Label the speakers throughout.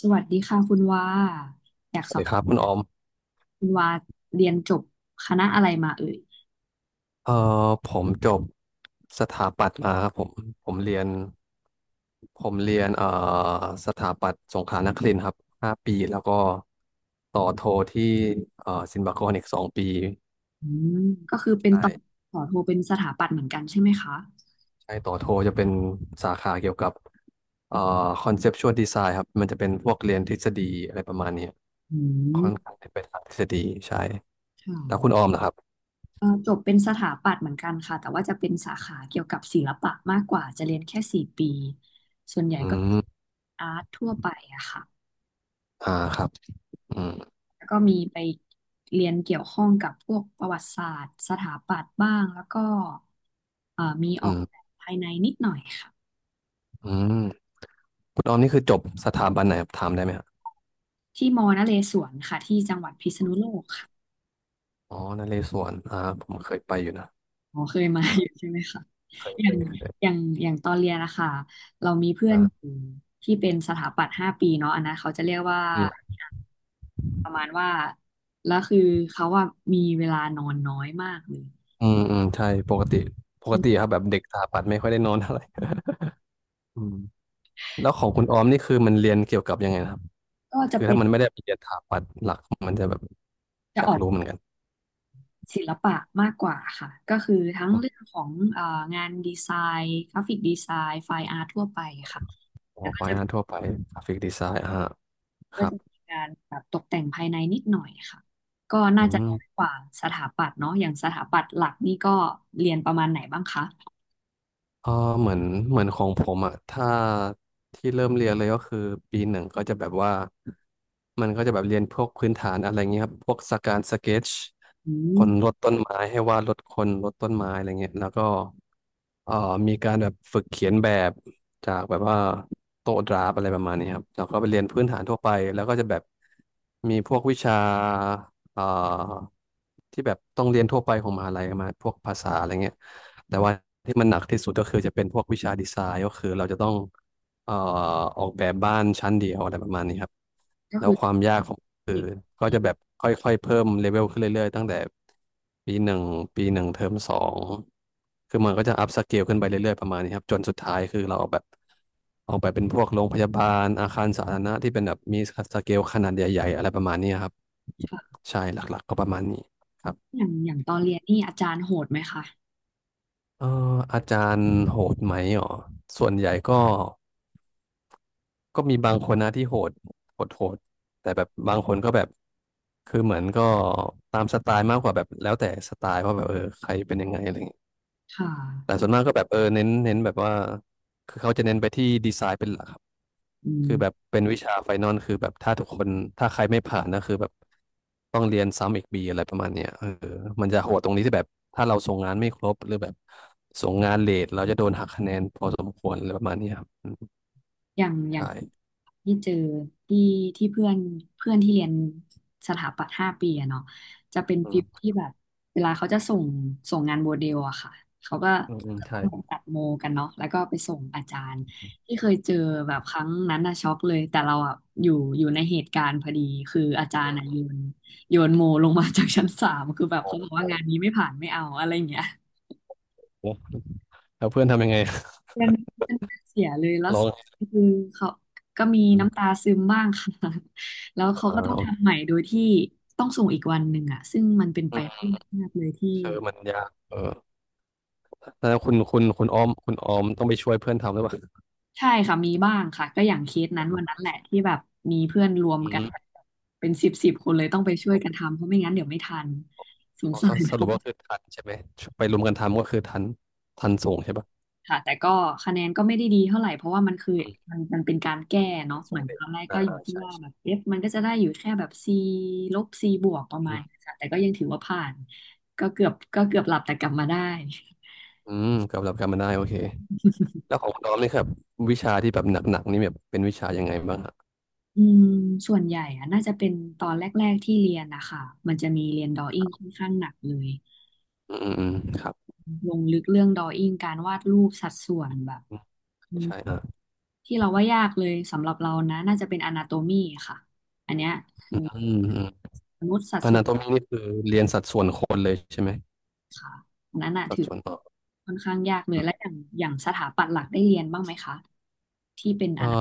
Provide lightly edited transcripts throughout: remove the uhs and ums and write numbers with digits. Speaker 1: สวัสดีค่ะคุณว่าอยาก
Speaker 2: ส
Speaker 1: ส
Speaker 2: วัส
Speaker 1: อบ
Speaker 2: ดีครั
Speaker 1: ถา
Speaker 2: บ
Speaker 1: ม
Speaker 2: คุณออม
Speaker 1: คุณว่าเรียนจบคณะอะไรมาเอ่ย
Speaker 2: เอ่อผมจบสถาปัตย์มาครับผมผมเรียนผมเรียนสถาปัตย์สงขลานครินทร์ครับห้าปีแล้วก็ต่อโทที่ศิลปากรอีกสองปี
Speaker 1: อืมก็คือเป็น
Speaker 2: ใช่
Speaker 1: ต่อโทเป็นสถาปัตย์เหมือนกันใช่ไหมคะ
Speaker 2: ใช่ต่อโทจะเป็นสาขาเกี่ยวกับเอ่อคอนเซปชวลดีไซน์ครับมันจะเป็นพวกเรียนทฤษฎีอะไรประมาณเนี้ย
Speaker 1: อื
Speaker 2: ค่อนข้า
Speaker 1: ม
Speaker 2: งจะเป็นทางทฤษฎีใช่
Speaker 1: ค่ะ
Speaker 2: แล้วคุณออมนะครับ
Speaker 1: จบเป็นสถาปัตย์เหมือนกันค่ะแต่ว่าจะเป็นสาขาเกี่ยวกับศิลปะมากกว่าจะเรียนแค่4 ปี ส่วนใหญ่
Speaker 2: อื
Speaker 1: ก็
Speaker 2: ม
Speaker 1: อาร์ตทั่วไปอะค่ะ
Speaker 2: อ่าครับอืม
Speaker 1: แล้วก็มีไปเรียนเกี่ยวข้องกับพวกประวัติศาสตร์สถาปัตย์บ้างแล้วก็มีอ
Speaker 2: อื
Speaker 1: อก
Speaker 2: ม
Speaker 1: แบบภายในนิดหน่อยค่ะ
Speaker 2: อืม คุณออมนี่คือจบสถาบันไหนครับถามได้ไหมครับ
Speaker 1: ที่มอนเรศวรค่ะที่จังหวัดพิษณุโลกค่ะ
Speaker 2: อ๋อนเรศวรอ่าผมเคยไปอยู่นะ
Speaker 1: อ๋อเคยมาอยู่
Speaker 2: อ่า
Speaker 1: ใช่ไหมคะ
Speaker 2: เคย
Speaker 1: อ
Speaker 2: เค
Speaker 1: ย่าง
Speaker 2: ยเคย
Speaker 1: อย่างอย่างตอนเรียนนะคะเรามีเพื่อนอ
Speaker 2: อ่า
Speaker 1: ยู่ที่เป็นสถาปัตย์ห้าปีเนาะอันนั้นเขาจะเรียกว่า
Speaker 2: อืม
Speaker 1: ประมาณว่าแล้วคือเขาว่ามีเวลานอนน้อยมากเลย
Speaker 2: อืมอืมใช่ปกติปก
Speaker 1: ฉะนั
Speaker 2: ติครั
Speaker 1: น
Speaker 2: บแบบเด็กสถาปัตย์ไม่ค่อยได้นอนเท่าไหร่ อืมแล้วของคุณออมนี่คือมันเรียนเกี่ยวกับยังไงนะครับ
Speaker 1: ก็จะ
Speaker 2: คือ
Speaker 1: เป็
Speaker 2: ถ้า
Speaker 1: น
Speaker 2: มันไม่ได้ไปเรียนสถาปัตย์หลักมันจะแบบอ
Speaker 1: จะ
Speaker 2: ยา
Speaker 1: อ
Speaker 2: ก
Speaker 1: อก
Speaker 2: รู้เหมือนกัน
Speaker 1: ศิลปะมากกว่าค่ะก็คือทั้งเรื่องของงานดีไซน์กราฟิกดีไซน์ไฟอาร์ตทั่วไปค่ะ
Speaker 2: อ๋อ
Speaker 1: แล้วก็
Speaker 2: ไฟ
Speaker 1: จะ
Speaker 2: อาร์ทั่วไปกราฟิกดีไซน์อ่าค
Speaker 1: ก็
Speaker 2: รับ
Speaker 1: จะมีการแบบตกแต่งภายในนิดหน่อยค่ะก็น่า
Speaker 2: อื
Speaker 1: จะน้อย
Speaker 2: ม
Speaker 1: กว่าสถาปัตย์เนาะอย่างสถาปัตย์หลักนี่ก็เรียนประมาณไหนบ้างคะ
Speaker 2: เออเหมือนเหมือนของผมอะถ้าที่เริ่มเรียนเลยก็คือปีหนึ่งก็จะแบบว่ามันก็จะแบบเรียนพวกพื้นฐานอะไรเงี้ยครับพวกสการสเก็ต
Speaker 1: อื
Speaker 2: ค
Speaker 1: ม
Speaker 2: นลดต้นไม้ให้วาดลดคนลดต้นไม้อะไรเงี้ยแล้วก็เอ่อมีการแบบฝึกเขียนแบบจากแบบว่าโต๊ะดราฟอะไรประมาณนี้ครับแล้วก็ไปเรียนพื้นฐานทั่วไปแล้วก็จะแบบมีพวกวิชา เอ่าที่แบบต้องเรียนทั่วไปของมหาลัยมาพวกภาษาอะไรเงี้ยแต่ว่าที่มันหนักที่สุดก็คือจะเป็นพวกวิชาดีไซน์ก็คือเราจะต้องเอ่อออกแบบบ้านชั้นเดียวอะไรประมาณนี้ครับ
Speaker 1: ก็
Speaker 2: แล้
Speaker 1: คื
Speaker 2: ว
Speaker 1: อ
Speaker 2: ความยากของ คือ
Speaker 1: เด็ก
Speaker 2: ก็จะแบบค่อยๆเพิ่มเลเวลขึ้นเรื่อยๆตั้งแต่ปีหนึ่งปีหนึ่งเทอมสองคือมันก็จะอัพสเกลขึ้นไปเรื่อยๆประมาณนี้ครับจนสุดท้ายคือเราเอาแบบออกไปเป็นพวกโรงพยาบาลอาคารสาธารณะที่เป็นแบบมีสเกลขนาดใหญ่ๆอะไรประมาณนี้ครับ
Speaker 1: ค่ะ
Speaker 2: ใช่หลักๆก็ประมาณนี้ครับ
Speaker 1: อย่างตอนเรียนนี่อาจารย์โหดไหมคะ
Speaker 2: เอ่ออาจารย์โหดไหมอ๋อส่วนใหญ่ก็ ก็มีบางคนนะที่โหดโหดโหดแต่แบบบางคนก็แบบ คือเหมือนก็ตามสไตล์มากกว่าแบบแล้วแต่สไตล์ว่าแบบเออใครเป็นยังไงอะไรอย่างเงี้ย
Speaker 1: ค่ะ
Speaker 2: แต่ส่วนมากก็แบบเออเน้นแบบว่าคือเขาจะเน้นไปที่ดีไซน์เป็นหลักครับ
Speaker 1: อื
Speaker 2: คื
Speaker 1: ม
Speaker 2: อแบบเป็นวิชาไฟนอลคือแบบถ้าทุกคนถ้าใครไม่ผ่านนะคือแบบต้องเรียนซ้ำอีกปีอะไรประมาณเนี้ยเออมันจะโหดตรงนี้ที่แบบถ้าเราส่งงานไม่ครบหรือแบบส่งงานเลทเราจะโดนหักคะแนนพอสมควรอะไรประมาณเนี้ยครับอืม
Speaker 1: อย่าง
Speaker 2: ใช่
Speaker 1: ที่เจอที่ที่เพื่อนเพื่อนที่เรียนสถาปัตย์ห้าปีอะเนาะจะเป็น
Speaker 2: อื
Speaker 1: ฟิล
Speaker 2: ม
Speaker 1: ที่แบบเวลาเขาจะส่งงานโมเดลอะค่ะเขาก็
Speaker 2: อืมอืม
Speaker 1: จะต้
Speaker 2: ใช่
Speaker 1: องตัดโมกันเนาะแล้วก็ไปส่งอาจารย์ที่เคยเจอแบบครั้งนั้นอะช็อกเลยแต่เราอะอยู่อยู่ในเหตุการณ์พอดีคืออาจารย์อะโยนโมลงมาจากชั้น 3คือแบ
Speaker 2: โอ
Speaker 1: บเขาบอก
Speaker 2: ้
Speaker 1: ว่างานนี้ไม่ผ่านไม่เอาอะไรอย่างเงี้ย
Speaker 2: แล้วเพื่อนทำยังไง
Speaker 1: เสียเลยแล้ว
Speaker 2: ร้อ
Speaker 1: สุ
Speaker 2: ง
Speaker 1: ดท้ายคือเขาก็มีน้ำตาซึมบ้างค่ะ แล้วเขา
Speaker 2: อ่า
Speaker 1: ก็ต้อง
Speaker 2: โอเค
Speaker 1: ทำใหม่โดยที่ต้องส่งอีกวันหนึ่งอะซึ่งมันเป็นไป
Speaker 2: อืม
Speaker 1: ไม่ได้ยากมากเลยที่
Speaker 2: เธอมันยากเออแล้วคุณออมต้องไปช่วยเพื่อนทำหรือเปล่า
Speaker 1: ใช่ค่ะมีบ้างค่ะก็อย่างเคสนั้นวันนั้นแหละที่แบบมีเพื่อนรวม
Speaker 2: อื
Speaker 1: กัน
Speaker 2: ม
Speaker 1: เป็นสิบสิบคนเลยต้องไปช่วยกันทำเพราะไม่งั้นเดี๋ยวไม่ทันสง
Speaker 2: อ๋อ
Speaker 1: สา
Speaker 2: ส
Speaker 1: ร
Speaker 2: สรุปว่าคือทันใช่ไหมไปรวมกันทำก็คือทันทันส่งใช่ปะ
Speaker 1: ค่ะแต่ก็คะแนนก็ไม่ได้ดีเท่าไหร่เพราะว่ามันคือ
Speaker 2: อืม
Speaker 1: มันเป็นการแก้เนาะเห
Speaker 2: ส่
Speaker 1: มื
Speaker 2: ง
Speaker 1: อนต
Speaker 2: เด็ก
Speaker 1: อนแรก
Speaker 2: อ่า
Speaker 1: ก็อยู่
Speaker 2: อ่า
Speaker 1: ที่
Speaker 2: ใช่
Speaker 1: ว่าแบ
Speaker 2: ใช่
Speaker 1: บ F มันก็จะได้อยู่แค่แบบ C ลบ C บวกประมา
Speaker 2: อื
Speaker 1: ณ
Speaker 2: ม
Speaker 1: นี้ค่ะแต่ก็ยังถือว่าผ่านก็เกือบหลับแต่กลับมาได้
Speaker 2: อืมกับหลับกันมาได้โอเคแล้วของคุณออมนี่ครับวิชาที่แบบหนักๆนี่แบบเป็นวิชายังไงบ้างอะ
Speaker 1: อืมส่วนใหญ่อะน่าจะเป็นตอนแรกๆที่เรียนนะคะมันจะมีเรียนด r อ w i n g ค่อนข้างหนักเลย
Speaker 2: อืมอืมอืมครับ
Speaker 1: ลงลึกเรื่องด r a w i n g การวาดรูปสัดส่วนแบบ
Speaker 2: อืม
Speaker 1: อืม
Speaker 2: ใช่อ่า
Speaker 1: ที่เราว่ายากเลยสำหรับเรานะน่าจะเป็น a นาโตมีค่ะอันเนี้ยคือ
Speaker 2: อืม
Speaker 1: มนุษย์สัด
Speaker 2: อ
Speaker 1: ส่ว
Speaker 2: นา
Speaker 1: น
Speaker 2: โตมีนี่คือเรียนสัดส่วนคนเลยใช่ไหม
Speaker 1: ค่ะอันนั้นน่ะ
Speaker 2: สัด
Speaker 1: ถือ
Speaker 2: ส่วนต่อ
Speaker 1: ค่อนข้างยากเลยและอย่างสถาปัตย์หลักได้เรียนบ้างไหมคะที่เป็นอ
Speaker 2: เอ่อ
Speaker 1: นา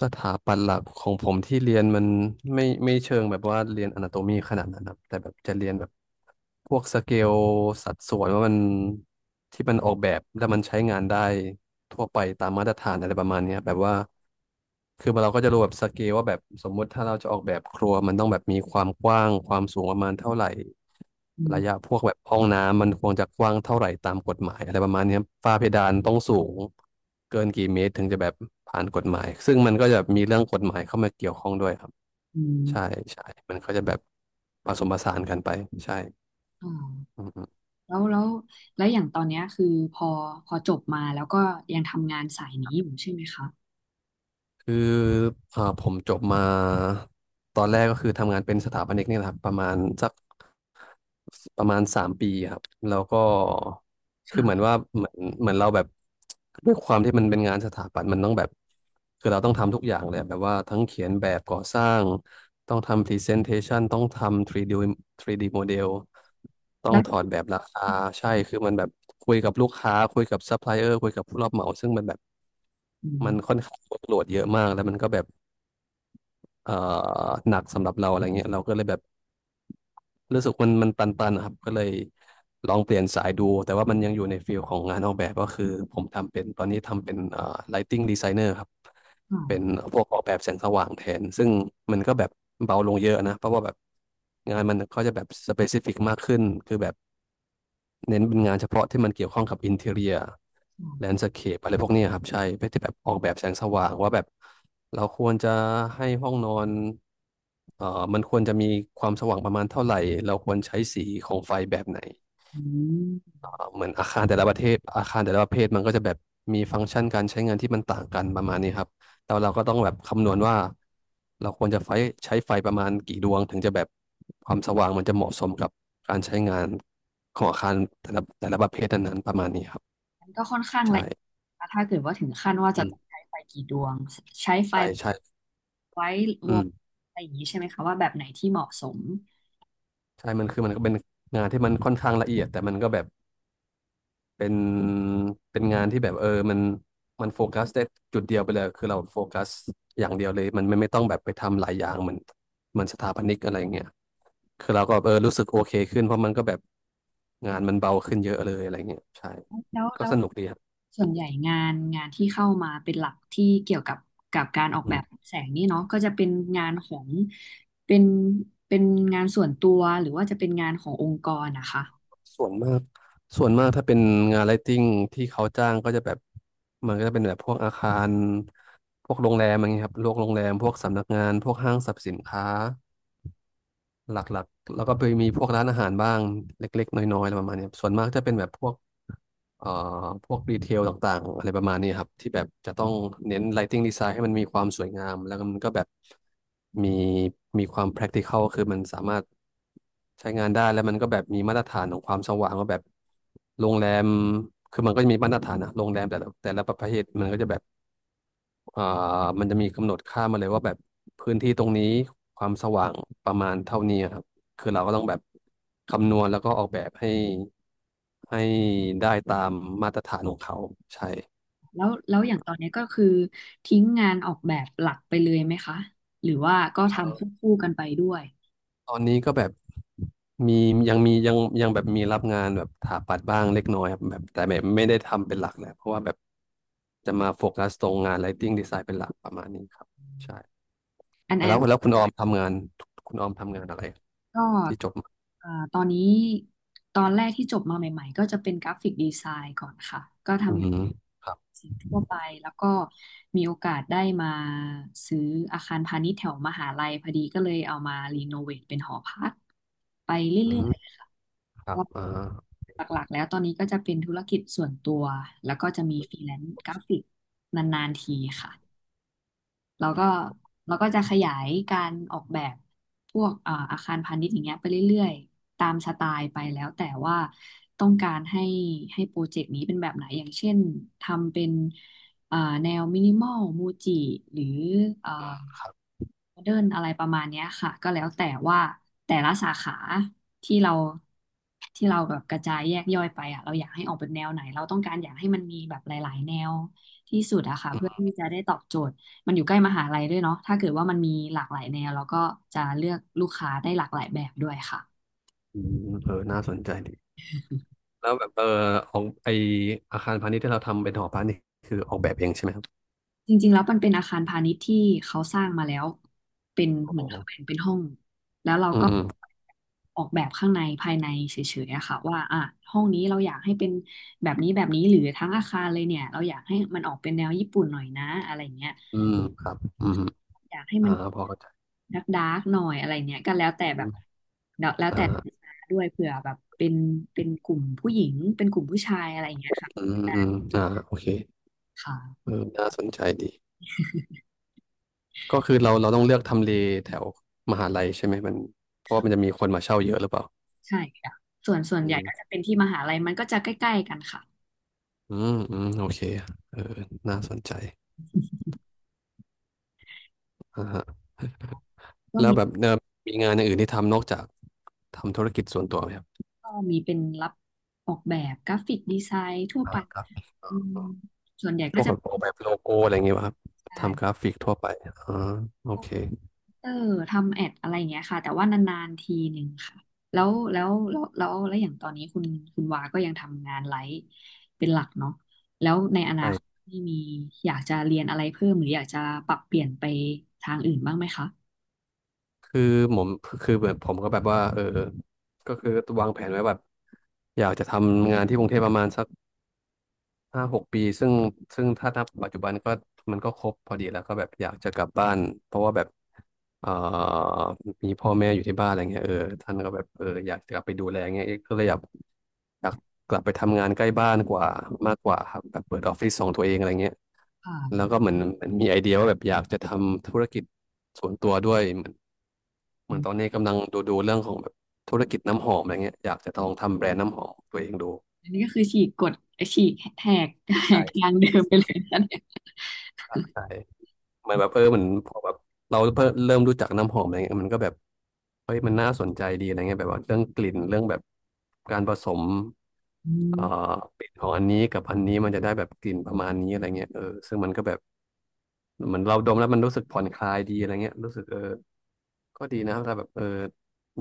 Speaker 2: สถาปัตย์หลักของผมที่เรียนมันไม่เชิงแบบว่าเรียนอนาโตมีขนาดนั้นครับแต่แบบจะเรียนแบ พวกสเกลสัดส่วนว่ามันที่มันออกแบบแล้วมันใช้งานได้ทั่วไปตามมาตรฐานอะไรประมาณเนี้ยแบบว่าคือเราก็จะรู้แบบสเกลว่าแบบสมมุติถ้าเราจะออกแบบครัวมันต้องแบบมีความกว้างความสูงประมาณเท่าไหร่
Speaker 1: อื
Speaker 2: ระยะ
Speaker 1: ม
Speaker 2: พวกแบบห้องน้ำมันควรจะกว้างเท่าไหร่ตามกฎหมายอะไรประมาณเนี้ยฝ้าเพดานต้องสูงเกินกี่เมตรถึงจะแบบผ่านกฎหมายซึ่งมันก็จะมีเรื่องกฎหมายเข้ามาเกี่ยวข้องด้วยครับ
Speaker 1: อื
Speaker 2: ใช่
Speaker 1: ม
Speaker 2: ใช่มันก็จะแบบผสมผสานกันไปใช่
Speaker 1: อ๋อ
Speaker 2: อืมอืม
Speaker 1: แล้วอย่างตอนเนี้ยคือพอพอจบมาแล้วก็ยังทำงานสายนี้อยู่ใช่ไหมคะ
Speaker 2: คืออ่าผมจบมาตอนแรกก็คือทำงานเป็นสถาปนิกเนี่ยแหละครับประมาณสักประมาณสามปีครับแล้วก็คือเหมือน
Speaker 1: ค่ะ
Speaker 2: ว่าเหมือนเหมือนเราแบบด้วยความที่มันเป็นงานสถาปัตย์มันต้องแบบคือเราต้องทำทุกอย่างเลยแบบว่าทั้งเขียนแบบก่อสร้างต้องทำพรีเซนเทชันต้องทำ 3D โมเดลต้อง
Speaker 1: แล้ว
Speaker 2: ถอดแบบราคาใช่คือมันแบบคุยกับลูกค้าคุยกับซัพพลายเออร์คุยกับผู้รับเหมาซึ่งมันแบบ
Speaker 1: อื
Speaker 2: มัน
Speaker 1: ม
Speaker 2: ค่อนข้างโหลดเยอะมากแล้วมันก็แบบเอ่อหนักสำหรับเราอะไรเงี้ยเราก็เลยแบบรู้สึกมันตันๆนะครับก็เลยลองเปลี่ยนสายดูแต่ว่ามันยังอยู่ในฟิลของงานออกแบบก็คือผมทำเป็นตอนนี้ทำเป็นlighting designer ครับ
Speaker 1: อ๋อ
Speaker 2: เป็นพวกออกแบบแสงสว่างแทนซึ่งมันก็แบบเบาลงเยอะนะเพราะว่าแบบงานมันก็จะแบบ specific มากขึ้นคือแบบ เน้นเป็นงานเฉพาะที่มันเกี่ยวข้องกับอินเท i เรีย
Speaker 1: อ๋
Speaker 2: แลน
Speaker 1: อ
Speaker 2: ด์สเคปอะไรพวกเนี้ยครับใช่เพื่อที่แบบออกแบบแสงสว่างว่าแบบเราควรจะให้ห้องนอนเอ่อมันควรจะมีความสว่างประมาณเท่าไหร่ เราควรใช้สีของไฟแบบไหน
Speaker 1: อืม
Speaker 2: เหมือนอาคารแต่ละประเทศอาคารแต่ละประเภทมันก็จะแบบมีฟังก์ชันการใช้งานที่มันต่างกันประมาณนี้ครับแต่ว่าเราก็ต้องแบบคำนวณว่าเราควรจะไฟใช้ไฟประมาณกี่ดวงถึงจะแบบความสว่างมันจะเหมาะสมกับการใช้งานของอาคารแต่ละประเภทนั้นๆประมาณนี้ครับ
Speaker 1: มันก็ค่อนข้างละเอียด
Speaker 2: ใช่
Speaker 1: นะถ้าเกิดว่าถึงขั้นว่า
Speaker 2: อื
Speaker 1: จะ
Speaker 2: ม
Speaker 1: ต้องใช้ไฟกี่ดวงใช้ไฟ
Speaker 2: ใช่ใช่
Speaker 1: ไว้ว
Speaker 2: อื
Speaker 1: ง
Speaker 2: ม
Speaker 1: อะไรอย่างนี้ใช่ไหมคะว่าแบบไหนที่เหมาะสม
Speaker 2: ใช่มันคือมันก็เป็นงานที่มันค่อนข้างละเอียดแต่มันก็แบบ เป็นเป็นงานที่แบบเออมันโฟกัสได้จุดเดียวไปเลยคือเราโฟกัสอย่างเดียวเลยมันไม่ต้องแบบไปทำหลายอย่างเหมือนเหมือนสถาปนิกอะไรเงี้ยคือเราก็เออรู้สึกโอเคขึ้นเพราะมันก็แบบงานมันเบาขึ้นเยอะเลยอะไรเงี้ยใช่
Speaker 1: แล้ว
Speaker 2: ก็
Speaker 1: แล้ว
Speaker 2: สนุกดีครับ
Speaker 1: ส่วนใหญ่งานที่เข้ามาเป็นหลักที่เกี่ยวกับการออก
Speaker 2: อื
Speaker 1: แบ
Speaker 2: ม
Speaker 1: บแสงนี่เนาะก็จะเป็นงานของเป็นเป็นงานส่วนตัวหรือว่าจะเป็นงานขององค์กรนะคะ
Speaker 2: ส่วนมากส่วนมากถ้าเป็นงานไลท์ติ้งที่เขาจ้างก็จะแบบมันก็จะเป็นแบบพวกอาคารพวกโรงแรมอะไรเงี้ยครับพวกโรงแรมพวกสำนักงานพวกห้างสรรพสินค้า หลักๆแล้วก็ไปมีพวกร้านอาหารบ้างเล็กๆน้อยๆอะไรประมาณเนี้ยส่วนมากจะเป็นแบบพวกเอ่อพวกดีเทลต่างๆอะไรประมาณนี้ครับที่แบบจะต้องเน้น lighting design ให้มันมีความสวยงามแล้วก็มันก็แบบมีมีความ practical คือมันสามารถใช้งานได้แล้วมันก็แบบมีมาตรฐานของความสว่างว่าแบบโรงแรมคือมันก็จะมีมาตรฐานอะโรงแรมแต่ละประเภทมันก็จะแบบ อ่ามันจะมีกำหนดค่ามาเลยว่าแบบพื้นที่ตรงนี้ความสว่างประมาณเท่านี้ครับคือเราก็ต้องแบบคำนวณแล้วก็ออกแบบให้ให้ได้ตามมาตรฐานของเขาใช่
Speaker 1: แล้วอย่างตอนนี้ก็คือทิ้งงานออกแบบหลักไปเลยไหมคะหรือว่าก็ทำควบคู่กันไปด้วย
Speaker 2: ตอนนี้ก็แบบมียังแบบมีรับงานแบบถาปัดบ้างเล็กน้อยครับแบบแต่แบบไม่ได้ทำเป็นหลักแหละเพราะว่าแบบจะมาโฟกัสตรงงาน Lighting Design เป็นหลักประมาณนี้ครับใช่
Speaker 1: อันอั
Speaker 2: แล้
Speaker 1: น
Speaker 2: วแล้วคุณออมทำงานคุณออมทำงานอะไร
Speaker 1: ก็
Speaker 2: ที่จบมา
Speaker 1: เอ่อตอนนี้ตอนแรกที่จบมาใหม่ๆก็จะเป็นกราฟิกดีไซน์ก่อนค่ะ ก็ท
Speaker 2: อืม
Speaker 1: ำสิ่งทั่วไป แล้วก็มีโอกาสได้มาซื้ออาคารพาณิชย์แถวมหาลัยพอดีก็เลยเอามารีโนเวทเป็นหอพักไป
Speaker 2: อื
Speaker 1: เรื่อย
Speaker 2: ม
Speaker 1: ๆค่ะ
Speaker 2: ครั
Speaker 1: ก็
Speaker 2: บอ่า
Speaker 1: หลักๆแล้วตอนนี้ก็จะเป็นธุรกิจส่วนตัว แล้วก็จะมีฟรีแลนซ์กราฟิกนานๆทีค่ะ เราก็เราก็จะขยายการออกแบบพวกอาคารพาณิชย์อย่างเงี้ยไปเรื่อยๆตามสไตล์ไปแล้วแต่ว่าต้องการให้โปรเจกต์นี้เป็นแบบไหนอย่างเช่นทำเป็นเอ่อแนวมินิมอลมูจิหรือเอ่อโมเดิร์นอะไรประมาณเนี้ยค่ะก็แล้วแต่ว่าแต่ละสาขาที่เราที่เราแบบกระจายแยกย่อยไปอ่ะเราอยากให้ออกเป็นแนวไหนเราต้องการอยากให้มันมีแบบหลายๆแนวที่สุดอะค่ะเพื่อที่จะได้ตอบโจทย์ มันอยู่ใกล้มหาลัยด้วยเนาะถ้าเกิดว่ามันมีหลากหลายแนวเราก็จะเลือกลูกค้าได้หลากหลายแบบด้วยค่ะ
Speaker 2: อืมเออน่าสนใจดีแล้วแบบเออของไออาคารพาณิชย์ที่เราทำเป็นหอพักนี่คือออกแบบเองใช่ไหมครับ
Speaker 1: จริงๆแล้วมันเป็นอาคารพาณิชย์ที่เขาสร้างมาแล้วเป็น
Speaker 2: อ๋
Speaker 1: เหมือน
Speaker 2: อ
Speaker 1: เขาแบ่งเป็นห้องแล้วเรา
Speaker 2: อืม
Speaker 1: ก็
Speaker 2: อืม
Speaker 1: ออกแบบข้างในภายในเฉยๆอะค่ะว่าอ่ะห้องนี้เราอยากให้เป็นแบบนี้แบบนี้หรือทั้งอาคารเลยเนี่ยเราอยากให้มันออกเป็นแนวญี่ปุ่นหน่อยนะอะไรเงี้ย
Speaker 2: อืมครับอืม
Speaker 1: อยากให้
Speaker 2: อ่า
Speaker 1: มัน
Speaker 2: พอเข้าใจ
Speaker 1: ดักดาร์กๆหน่อยอะไรเนี้ยก็แล้วแต่แบบ
Speaker 2: อืม
Speaker 1: แล้วแล้วแต่ลูก
Speaker 2: อ่า
Speaker 1: ค้าด้วยเผื่อแบบเป็นกลุ่มผู้หญิงเป็นกลุ่มผู้ชายอะไรอย่างเงี้ยค่ะ
Speaker 2: อืมอืมอ่าโอเค
Speaker 1: ค่ะ
Speaker 2: เออน่าสนใจดีก็คือเราต้องเลือกทำเลแถวมหาลัยใช่ไหมมันเพราะว่ามัน
Speaker 1: ค่ะ
Speaker 2: จะมีคนมาเช่าเยอะหรือเปล่า
Speaker 1: ใช่ค่ะส่วน
Speaker 2: อื
Speaker 1: ใหญ่ก็จะ
Speaker 2: ม
Speaker 1: เป็นที่มหาลัยมันก็จะใกล้ๆกันค่ะ
Speaker 2: อืมอืมโอเคเออน่าสนใจอ่าฮะ
Speaker 1: ก็
Speaker 2: แล้ว
Speaker 1: มี
Speaker 2: แบบเออมีงานอย่างอื่นที่ทำนอกจากทำธุรกิจส่วนตัวไหมครับ
Speaker 1: ก็มีเป็นรับออกแบบกราฟิกดีไซน์ทั่ว
Speaker 2: อ่า
Speaker 1: ไป
Speaker 2: ครับ
Speaker 1: อืมส่วนใหญ่
Speaker 2: พ
Speaker 1: ก็
Speaker 2: วก
Speaker 1: จะ
Speaker 2: ออกแบบโลโก้อะไรอย่างเงี้ยป่ะครับ
Speaker 1: ใช่
Speaker 2: ทำกราฟิกทั่วไปอ่าโอเค
Speaker 1: เออทำแอดอะไรอย่างเงี้ยค่ะแต่ว่านานๆทีหนึ่งค่ะแล้วอย่างตอนนี้คุณวาก็ยังทำงานไลฟ์เป็นหลักเนาะแล้วในอนาคต
Speaker 2: ใช่
Speaker 1: นี่มีอยากจะเรียนอะไรเพิ่มหรืออยากจะปรับเปลี่ยนไปทางอื่นบ้างไหมคะ
Speaker 2: คือผมคือแบบผมก็แบบว่าเออก็คือวางแผนไว้แบบอยากจะทำงานที่กรุงเทพประมาณสัก ห้าหกปีซึ่งถ้านับปัจจุบันก็มันก็ครบพอดีแล้วก็แบบอยากจะกลับบ้านเพราะว่าแบบเอ่อมีพ่อแม่อยู่ที่บ้านอะไรเงี้ยเออท่านก็แบบเอออยากจะกลับไปดูแลเงี้ยเอ๊ะก็เลยอยากกลับไปทำงานใกล้บ้านกว่ามากกว่าครับแบบเปิดออฟฟิศของตัวเองอะไรเงี้ย
Speaker 1: อ่า
Speaker 2: แล้วก็เหมือนมันมีไอเดียว่าแบบอยากจะทำธุรกิจส่วนตัวด้วยเหมือนเหมื
Speaker 1: อ
Speaker 2: อนตอนนี้
Speaker 1: ม
Speaker 2: กำลังดูเรื่องของแบบธุรกิจน้ำหอมอะไรเงี้ยอยากจะลองทำแบรนด์น้ำหอมของตัวเองดู
Speaker 1: อันนี้ก็คือฉีกกฎฉีกแหกแห
Speaker 2: ใช่
Speaker 1: กทา
Speaker 2: ใช่
Speaker 1: งเดิมไปเลยนะเนี่ย
Speaker 2: ใช่ เหมือนแบบเออเหมือนพอแบบเราเพิ่มเริ่มรู้จักน้ำหอมอะไรเงี้ยมันก็แบบเฮ้ยมันน่าสนใจดีอะไรเงี้ยแบบว่าเรื่องกลิ่นเรื่องแบบการผสม
Speaker 1: อื
Speaker 2: เอ่
Speaker 1: ม
Speaker 2: อกลิ่นของอันนี้กับอันนี้มันจะได้แบบกลิ่นประมาณนี้อะไรเงี้ยเออซึ่งมันก็แบบเหมือนเราดมแล้วมันรู้สึกผ่อนคลายดีอะไรเงี้ยรู้สึกเออก็ดีนะถ้าแบบเออ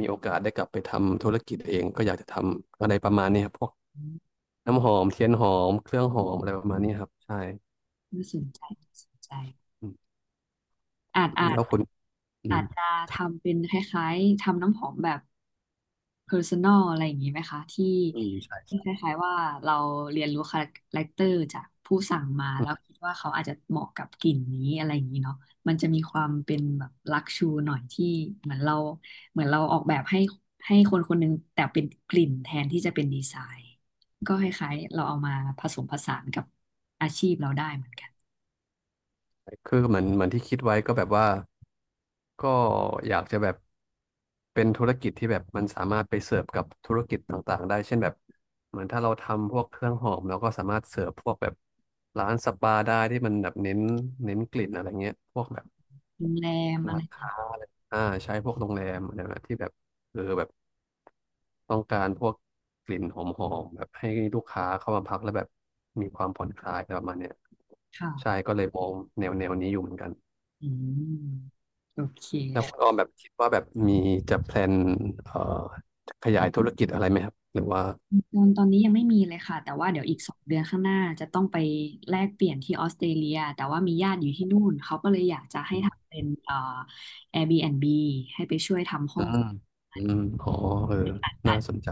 Speaker 2: มีโอกาสได้กลับไปทำธุรกิจเองก็อยากจะทำอะไรประมาณนี้ครับพวก
Speaker 1: อืม
Speaker 2: น้ำหอมเทียนหอมเครื่องหอมอะไรประมาณนี้ครับใช่
Speaker 1: น่าสนใจน่าสนใจ
Speaker 2: อืม
Speaker 1: อาจอาจ
Speaker 2: แล้วคุณอื
Speaker 1: อา
Speaker 2: ม
Speaker 1: จจะ
Speaker 2: ครับ
Speaker 1: ทำเป็นคล้ายๆทำน้ำหอมแบบ personal อะไรอย่างนี้ไหมคะที่
Speaker 2: อืมใช่
Speaker 1: ที่คล้ายๆว่าเราเรียนรู้คาแรคเตอร์จากผู้สั่งมาแล้วคิดว่าเขาอาจจะเหมาะกับกลิ่นนี้อะไรอย่างนี้เนาะมันจะมีความเป็นแบบลักชูหน่อยที่เหมือนเราเหมือนเราออกแบบให้คนคนหนึงแต่เป็นกลิ่นแทนที่จะเป็นดีไซน์ก็คล้ายๆเราเอามาผสมผสานกับอาชีพเราได้เหมือนกัน
Speaker 2: คือเหมือนเหมือนที่คิดไว้ก็แบบว่าก็อยากจะแบบเป็นธุรกิจที่แบบมันสามารถไปเสิร์ฟกับธุรกิจต่างๆได้เช่นแบบเหมือนถ้าเราทำพวกเครื่องหอมเราก็สามารถเสิร์ฟพวกแบบร้านสปาได้ที่มันแบบเน้นกลิ่นอะไรเงี้ยพวกแบบ
Speaker 1: โรงแรมอะ
Speaker 2: ร้า
Speaker 1: ไร
Speaker 2: น
Speaker 1: อย่างนี้
Speaker 2: ค้าอะไรอ่าใช้พวกโรงแรมอะไรแบบที่แบบเออแบบต้องการพวกกลิ่นหอมๆแบบให้ลูกค้าเข้ามาพักแล้วแบบมีความผ่อนคลายอะไรประมาณเนี้ยใช่
Speaker 1: ค่ะ
Speaker 2: ก็เลยมองแนวนี้อยู่เหมือนกัน
Speaker 1: อืมโอเค
Speaker 2: แล้วคุณออมแบบคิดว่าแบบมีจะแพลนเอ่อขยายธุรกิจอะไรไหมครับหรือว่า
Speaker 1: ตอนนี้ยังไม่มีเลยค่ะแต่ว่าเดี๋ยวอีก2 เดือนข้างหน้าจะต้องไปแลกเปลี่ยนที่ออสเตรเลียแต่ว่ามีญาติอยู่ที่นู่นเขาก็เลยอยากจะให้
Speaker 2: อ
Speaker 1: ทำเป็นAirbnb ให้ไปช่วยทำห้อ
Speaker 2: ื
Speaker 1: ง
Speaker 2: มอืมอ๋อเออน่าสนใจ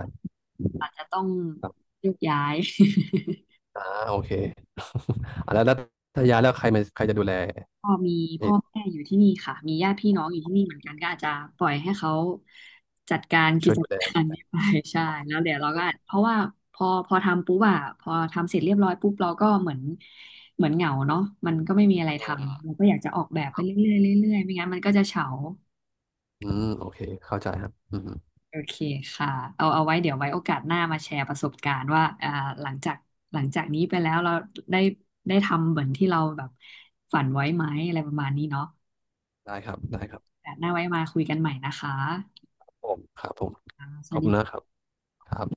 Speaker 1: อาจจะต้อง
Speaker 2: ครับ
Speaker 1: โยกย้าย
Speaker 2: อ่าโอเค อ่ะแล้วถ้าย้ายแล้วใครมาใครจะดูแล
Speaker 1: ก็มี
Speaker 2: เอ
Speaker 1: พ่อ
Speaker 2: อ
Speaker 1: แม่อยู่ที่นี่ค่ะมีญาติพี่น้องอยู่ที่นี่เหมือนกันก็อาจจะปล่อยให้เขาจัดการกิ
Speaker 2: ช่วย
Speaker 1: จ
Speaker 2: ดูแล
Speaker 1: การนี้ไป ใช่แล้วเดี๋ยวเราก็อาจเพราะว่าพอทำปุ๊บอะพอทำเสร็จเรียบร้อยปุ๊บเราก็เหมือนเหงาเนาะมันก็ไม่มีอะไรท
Speaker 2: อืม
Speaker 1: ำเราก็อยากจะออกแบบไปเรื่อยๆเรื่อยๆไม่งั้นมันก็จะเฉา
Speaker 2: อืมโอเคเข้าใจครับอืม
Speaker 1: โอเคค่ะเอาไว้เดี๋ยวไว้โอกาสหน้ามาแชร์ประสบการณ์ว่าหลังจากหลังจากนี้ไปแล้วเราได้ได้ทำเหมือนที่เราแบบฝันไว้ไหมอะไรประมาณนี้เนาะ
Speaker 2: ได้ครับได้ครับ
Speaker 1: โอกาสหน้าไว้มาคุยกันใหม่นะคะ
Speaker 2: ผมครับผม
Speaker 1: ส
Speaker 2: ข
Speaker 1: วั
Speaker 2: อ
Speaker 1: ส
Speaker 2: บคุณนะ
Speaker 1: ดี
Speaker 2: ครับครับ